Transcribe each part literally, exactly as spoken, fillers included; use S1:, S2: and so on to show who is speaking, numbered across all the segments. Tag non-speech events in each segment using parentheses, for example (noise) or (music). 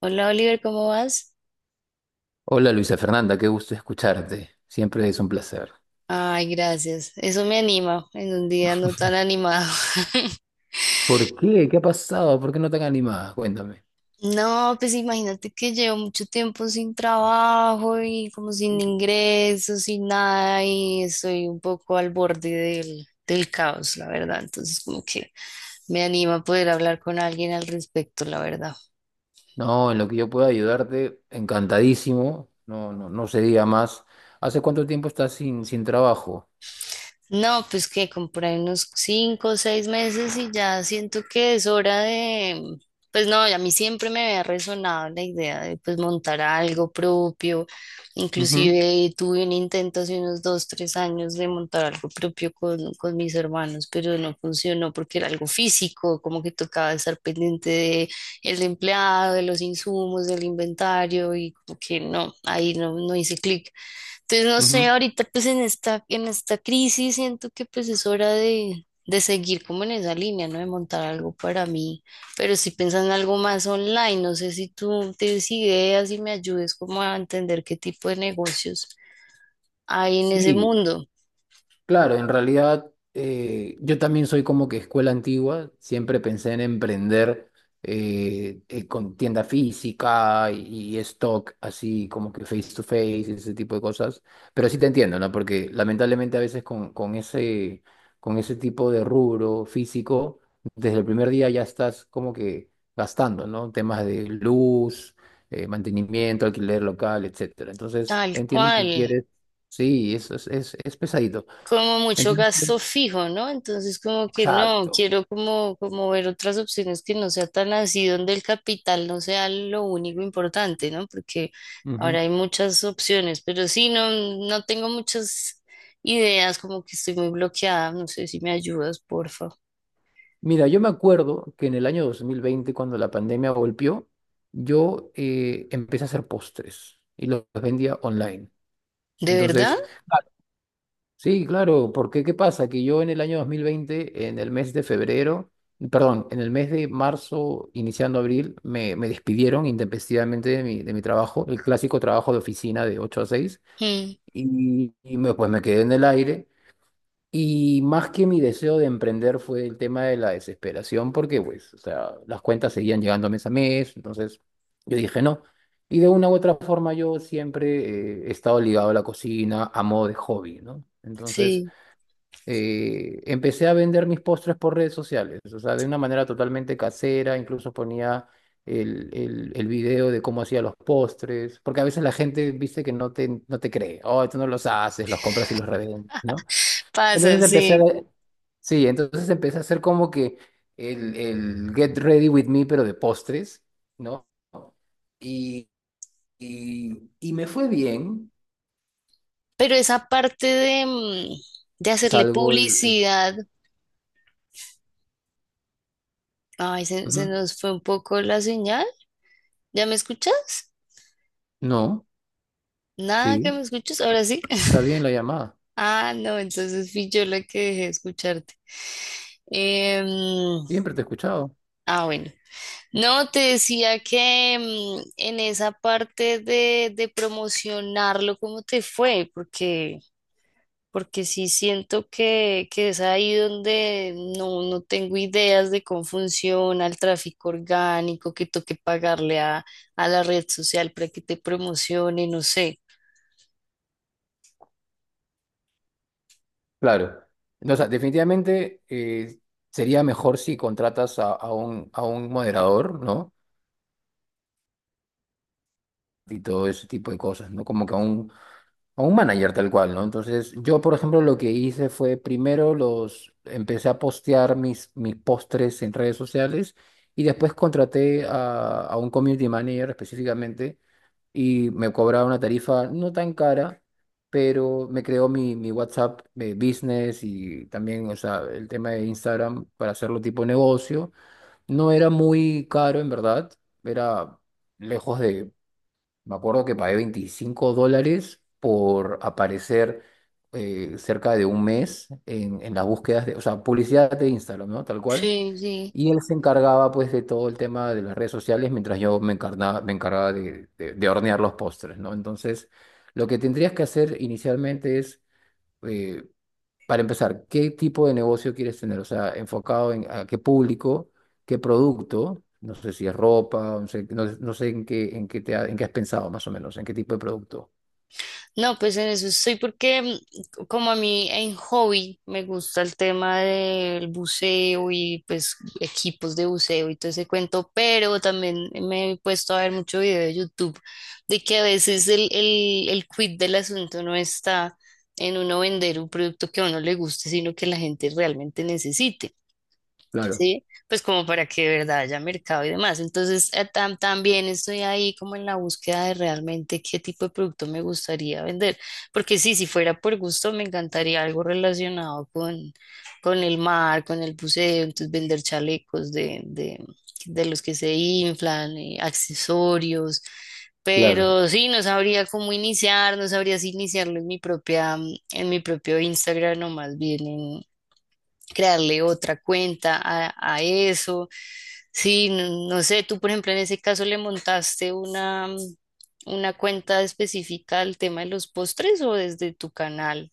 S1: Hola Oliver, ¿cómo vas?
S2: Hola Luisa Fernanda, qué gusto escucharte. Siempre es un placer.
S1: Ay, gracias. Eso me anima en un día no tan animado. (laughs)
S2: ¿Por qué? ¿Qué ha pasado? ¿Por qué no tan animada? Cuéntame.
S1: No, pues imagínate que llevo mucho tiempo sin trabajo y como sin ingresos, sin nada y estoy un poco al borde del, del caos, la verdad. Entonces como que me anima poder hablar con alguien al respecto, la verdad.
S2: No, en lo que yo pueda ayudarte, encantadísimo. No, no, no se diga más. ¿Hace cuánto tiempo estás sin, sin trabajo?
S1: No, pues que compré unos cinco o seis meses y ya siento que es hora de, pues no, a mí siempre me había resonado la idea de pues montar algo propio,
S2: Ujú,
S1: inclusive tuve un intento hace unos dos, tres años de montar algo propio con, con mis hermanos, pero no funcionó porque era algo físico, como que tocaba estar pendiente de el empleado, de los insumos, del inventario y como que no, ahí no, no hice clic. Entonces, no sé,
S2: ujú.
S1: ahorita pues en esta, en esta crisis siento que pues es hora de, de seguir como en esa línea, ¿no? De montar algo para mí, pero si piensan en algo más online, no sé si tú tienes ideas y me ayudes como a entender qué tipo de negocios hay en ese
S2: Sí.
S1: mundo,
S2: Claro, en realidad eh, yo también soy como que escuela antigua, siempre pensé en emprender eh, eh, con tienda física y, y stock, así como que face to face, ese tipo de cosas, pero sí te entiendo, ¿no? Porque lamentablemente a veces con, con ese, con ese tipo de rubro físico, desde el primer día ya estás como que gastando, ¿no? Temas de luz, eh, mantenimiento, alquiler local, etcétera. Entonces
S1: tal
S2: entiendo
S1: cual.
S2: que quieres, sí, eso es, es es pesadito.
S1: Como mucho
S2: Entonces,
S1: gasto fijo, ¿no? Entonces como que no,
S2: exacto.
S1: quiero como, como ver otras opciones que no sea tan así, donde el capital no sea lo único importante, ¿no? Porque ahora
S2: Ujú.
S1: hay muchas opciones, pero sí, no, no tengo muchas ideas, como que estoy muy bloqueada, no sé si me ayudas, porfa.
S2: Mira, yo me acuerdo que en el año dos mil veinte, cuando la pandemia golpeó, yo eh, empecé a hacer postres y los vendía online.
S1: ¿De verdad?
S2: Entonces, sí, claro, porque ¿qué pasa? Que yo en el año dos mil veinte, en el mes de febrero, perdón, en el mes de marzo, iniciando abril, me, me despidieron intempestivamente de mi, de mi trabajo, el clásico trabajo de oficina de ocho a seis,
S1: Mm,
S2: y, y me, pues me quedé en el aire. Y más que mi deseo de emprender fue el tema de la desesperación, porque pues, o sea, las cuentas seguían llegando mes a mes, entonces yo dije no. Y de una u otra forma yo siempre eh, he estado ligado a la cocina a modo de hobby, ¿no? Entonces
S1: sí,
S2: eh, empecé a vender mis postres por redes sociales, o sea, de una manera totalmente casera, incluso ponía el, el, el video de cómo hacía los postres, porque a veces la gente, viste, que no te, no te cree, oh, tú no los haces, los compras y los revendes, ¿no?
S1: pasa,
S2: Entonces empecé a,
S1: sí.
S2: sí, entonces empecé a hacer como que el, el Get Ready With Me, pero de postres, ¿no? Y, y, y me fue bien.
S1: Pero esa parte de, mm, de hacerle
S2: Salgo el, el-
S1: publicidad, ay, se, se
S2: Ujú.
S1: nos fue un poco la señal. ¿Ya me escuchas?
S2: No,
S1: Nada que
S2: sí,
S1: me escuches, ahora sí. (laughs)
S2: está bien la llamada.
S1: Ah, no, entonces fui yo la que dejé de escucharte. Em,
S2: Siempre te he escuchado.
S1: ah, bueno. No, te decía que em, en esa parte de, de promocionarlo, ¿cómo te fue? Porque, porque sí siento que, que es ahí donde no, no tengo ideas de cómo funciona el tráfico orgánico, que toque pagarle a, a la red social para que te promocione, no sé.
S2: Claro. No, o sea, definitivamente eh, sería mejor si contratas a, a un, a un moderador, ¿no? Y todo ese tipo de cosas, ¿no? Como que a un, A un manager tal cual, ¿no? Entonces, yo, por ejemplo, lo que hice fue primero los empecé a postear mis, mis postres en redes sociales y después contraté a, a un community manager específicamente y me cobraba una tarifa no tan cara, pero me creó mi, mi WhatsApp eh, business y también, o sea, el tema de Instagram para hacerlo tipo negocio. No era muy caro, en verdad, era lejos de me acuerdo que pagué veinticinco dólares por aparecer eh, cerca de un mes en, en las búsquedas de, o sea, publicidad de Instagram, ¿no? Tal cual.
S1: Sí, sí.
S2: Y él se encargaba pues de todo el tema de las redes sociales mientras yo me encarna- me encargaba de, de- de hornear los postres, ¿no? Entonces, lo que tendrías que hacer inicialmente es, eh, para empezar, ¿qué tipo de negocio quieres tener? O sea, enfocado en a qué público, qué producto, no sé si es ropa, no sé, no- no sé en qué, en qué te ha- en qué has pensado más o menos, en qué tipo de producto.
S1: No, pues en eso estoy porque mm, como a mí en hobby me gusta el tema del buceo y pues equipos de buceo y todo ese cuento, pero también me he puesto a ver mucho video de YouTube de que a veces el, el, el quid del asunto no está en uno vender un producto que a uno le guste, sino que la gente realmente necesite.
S2: Claro.
S1: ¿Sí? Pues como para que de verdad haya mercado y demás. Entonces, eh, tam- también estoy ahí como en la búsqueda de realmente qué tipo de producto me gustaría vender. Porque sí, si fuera por gusto, me encantaría algo relacionado con, con el mar, con el buceo, entonces vender chalecos de, de, de los que se inflan, eh, accesorios.
S2: Claro,
S1: Pero sí, no sabría cómo iniciar, no sabría si iniciarlo en mi propia, en mi propio Instagram o más bien en, crearle otra cuenta a, a eso. Sí, no, no sé, tú por ejemplo en ese caso le montaste una, una cuenta específica al tema de los postres o desde tu canal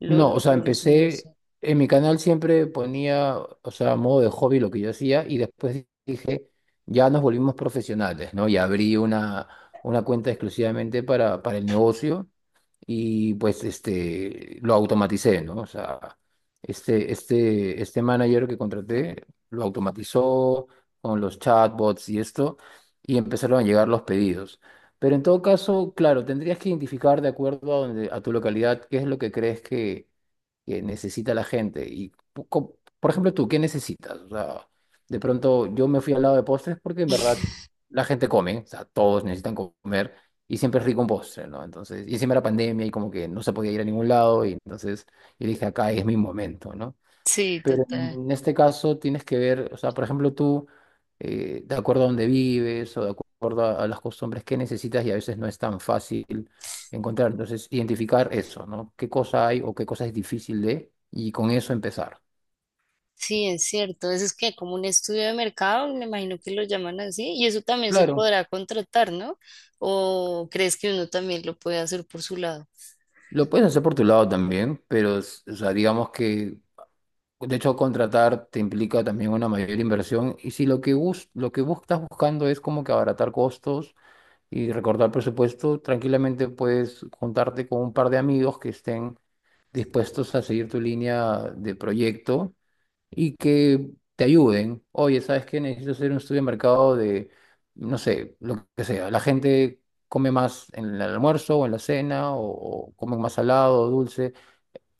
S1: lo,
S2: no, o
S1: lo
S2: sea,
S1: promocionaste.
S2: empecé, en mi canal siempre ponía, o sea, a modo de hobby lo que yo hacía y después dije, ya nos volvimos profesionales, ¿no? Y abrí una, una cuenta exclusivamente para, para el negocio y pues este, lo automaticé, ¿no? O sea, este, este, este manager que contraté lo automatizó con los chatbots y esto, y empezaron a llegar los pedidos. Pero en todo caso, claro, tendrías que identificar de acuerdo a donde, a tu localidad qué es lo que crees que, que necesita la gente. Y, po- co- por ejemplo, tú, ¿qué necesitas? O sea, de pronto yo me fui al lado de postres porque en verdad la gente come, o sea, todos necesitan comer y siempre es rico un postre, ¿no? Entonces, y encima era pandemia y como que no se podía ir a ningún lado, y entonces yo dije, acá es mi momento, ¿no?
S1: Sí,
S2: Pero
S1: total.
S2: en este caso tienes que ver, o sea, por ejemplo, tú, eh, de acuerdo a dónde vives o de acuerdo a, a las costumbres que necesitas, y a veces no es tan fácil encontrar, entonces, identificar eso, ¿no? ¿Qué cosa hay o qué cosa es difícil de, y con eso empezar.
S1: Sí, es cierto. Eso es que como un estudio de mercado, me imagino que lo llaman así, y eso también se
S2: Claro.
S1: podrá contratar, ¿no? ¿O crees que uno también lo puede hacer por su lado?
S2: Lo puedes hacer por tu lado también, pero, s- o sea, digamos que de hecho, contratar te implica también una mayor inversión. Y si lo que bus lo que bus- estás buscando es como que abaratar costos y recortar presupuesto, tranquilamente puedes juntarte con un par de amigos que estén dispuestos a seguir tu línea de proyecto y que te ayuden. Oye, ¿sabes qué? Necesito hacer un estudio de mercado de, no sé, lo que sea. La gente come más en el almuerzo o en la cena o, o come más salado o dulce,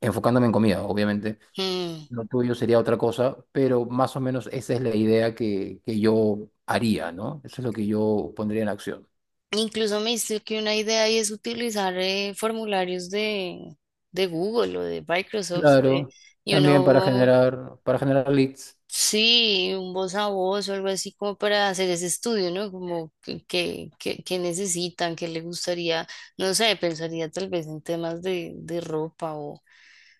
S2: enfocándome en comida, obviamente.
S1: Mm.
S2: Lo tuyo sería otra cosa, pero más o menos esa es la idea que, que yo haría, ¿no? Eso es lo que yo pondría en acción.
S1: Incluso me dice que una idea ahí es utilizar eh, formularios de, de Google o de Microsoft eh,
S2: Claro,
S1: y
S2: también para
S1: uno,
S2: generar, para generar leads.
S1: sí, un voz a voz o algo así como para hacer ese estudio, ¿no? Como que, que, que- que necesitan, que le gustaría, no sé, pensaría tal vez en temas de, de ropa o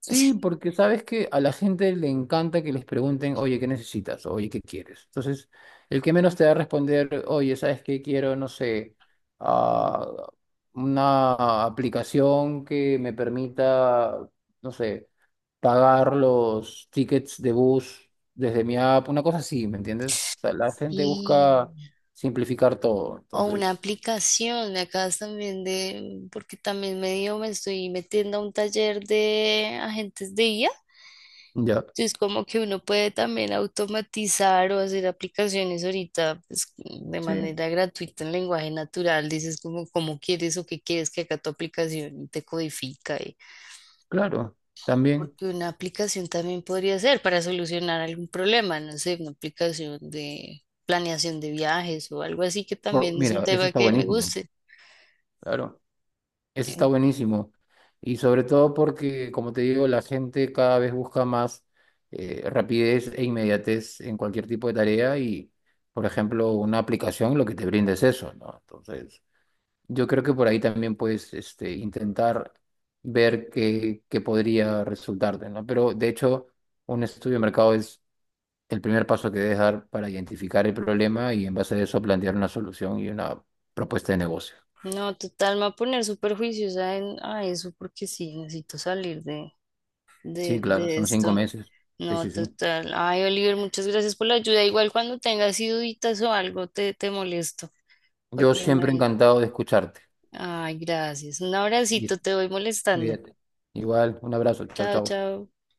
S2: Sí,
S1: (laughs)
S2: porque sabes que a la gente le encanta que les pregunten, oye, ¿qué necesitas? Oye, ¿qué quieres? Entonces, el que menos te va a responder, oye, ¿sabes qué quiero? No sé, ah, una aplicación que me permita, no sé. Pagar los tickets de bus desde mi app, una cosa así, ¿me entiendes? O sea, la gente
S1: sí,
S2: busca simplificar todo,
S1: o una
S2: entonces,
S1: aplicación, me acabas también de, porque también medio me estoy metiendo a un taller de agentes de I A.
S2: ya,
S1: Sí, es como que uno puede también automatizar o hacer aplicaciones ahorita pues, de
S2: sí,
S1: manera gratuita en lenguaje natural. Dices como cómo quieres o qué quieres que haga tu aplicación y te codifica. y-
S2: claro, también,
S1: Porque una aplicación también podría ser para solucionar algún problema, no sé, una aplicación de planeación de viajes o algo así que
S2: por-
S1: también es un
S2: mira, eso
S1: tema
S2: está
S1: que me
S2: buenísimo,
S1: guste.
S2: claro, eso está
S1: Eh,
S2: buenísimo, y sobre todo porque, como te digo, la gente cada vez busca más eh, rapidez e inmediatez en cualquier tipo de tarea y, por ejemplo, una aplicación lo que te brinda es eso, ¿no? Entonces... Yo creo que por ahí también puedes este, intentar ver qué, qué podría resultarte, ¿no? Pero de hecho, un estudio de mercado es el primer paso que debes dar para identificar el problema y en base a eso plantear una solución y una propuesta de negocio.
S1: No, total, me va a poner súper juiciosa en, a eso porque sí, necesito salir de,
S2: Sí,
S1: de
S2: claro,
S1: de
S2: son cinco
S1: esto.
S2: meses. Sí,
S1: No,
S2: sí, sí.
S1: total. Ay, Oliver, muchas gracias por la ayuda. Igual cuando tengas así duditas o algo, te, te molesto.
S2: Yo
S1: Porque
S2: siempre
S1: me...
S2: encantado de escucharte.
S1: Ay, gracias. Un abracito,
S2: Listo,
S1: te voy molestando.
S2: cuídate. Igual, un abrazo. Chao,
S1: Chao,
S2: chao.
S1: chao.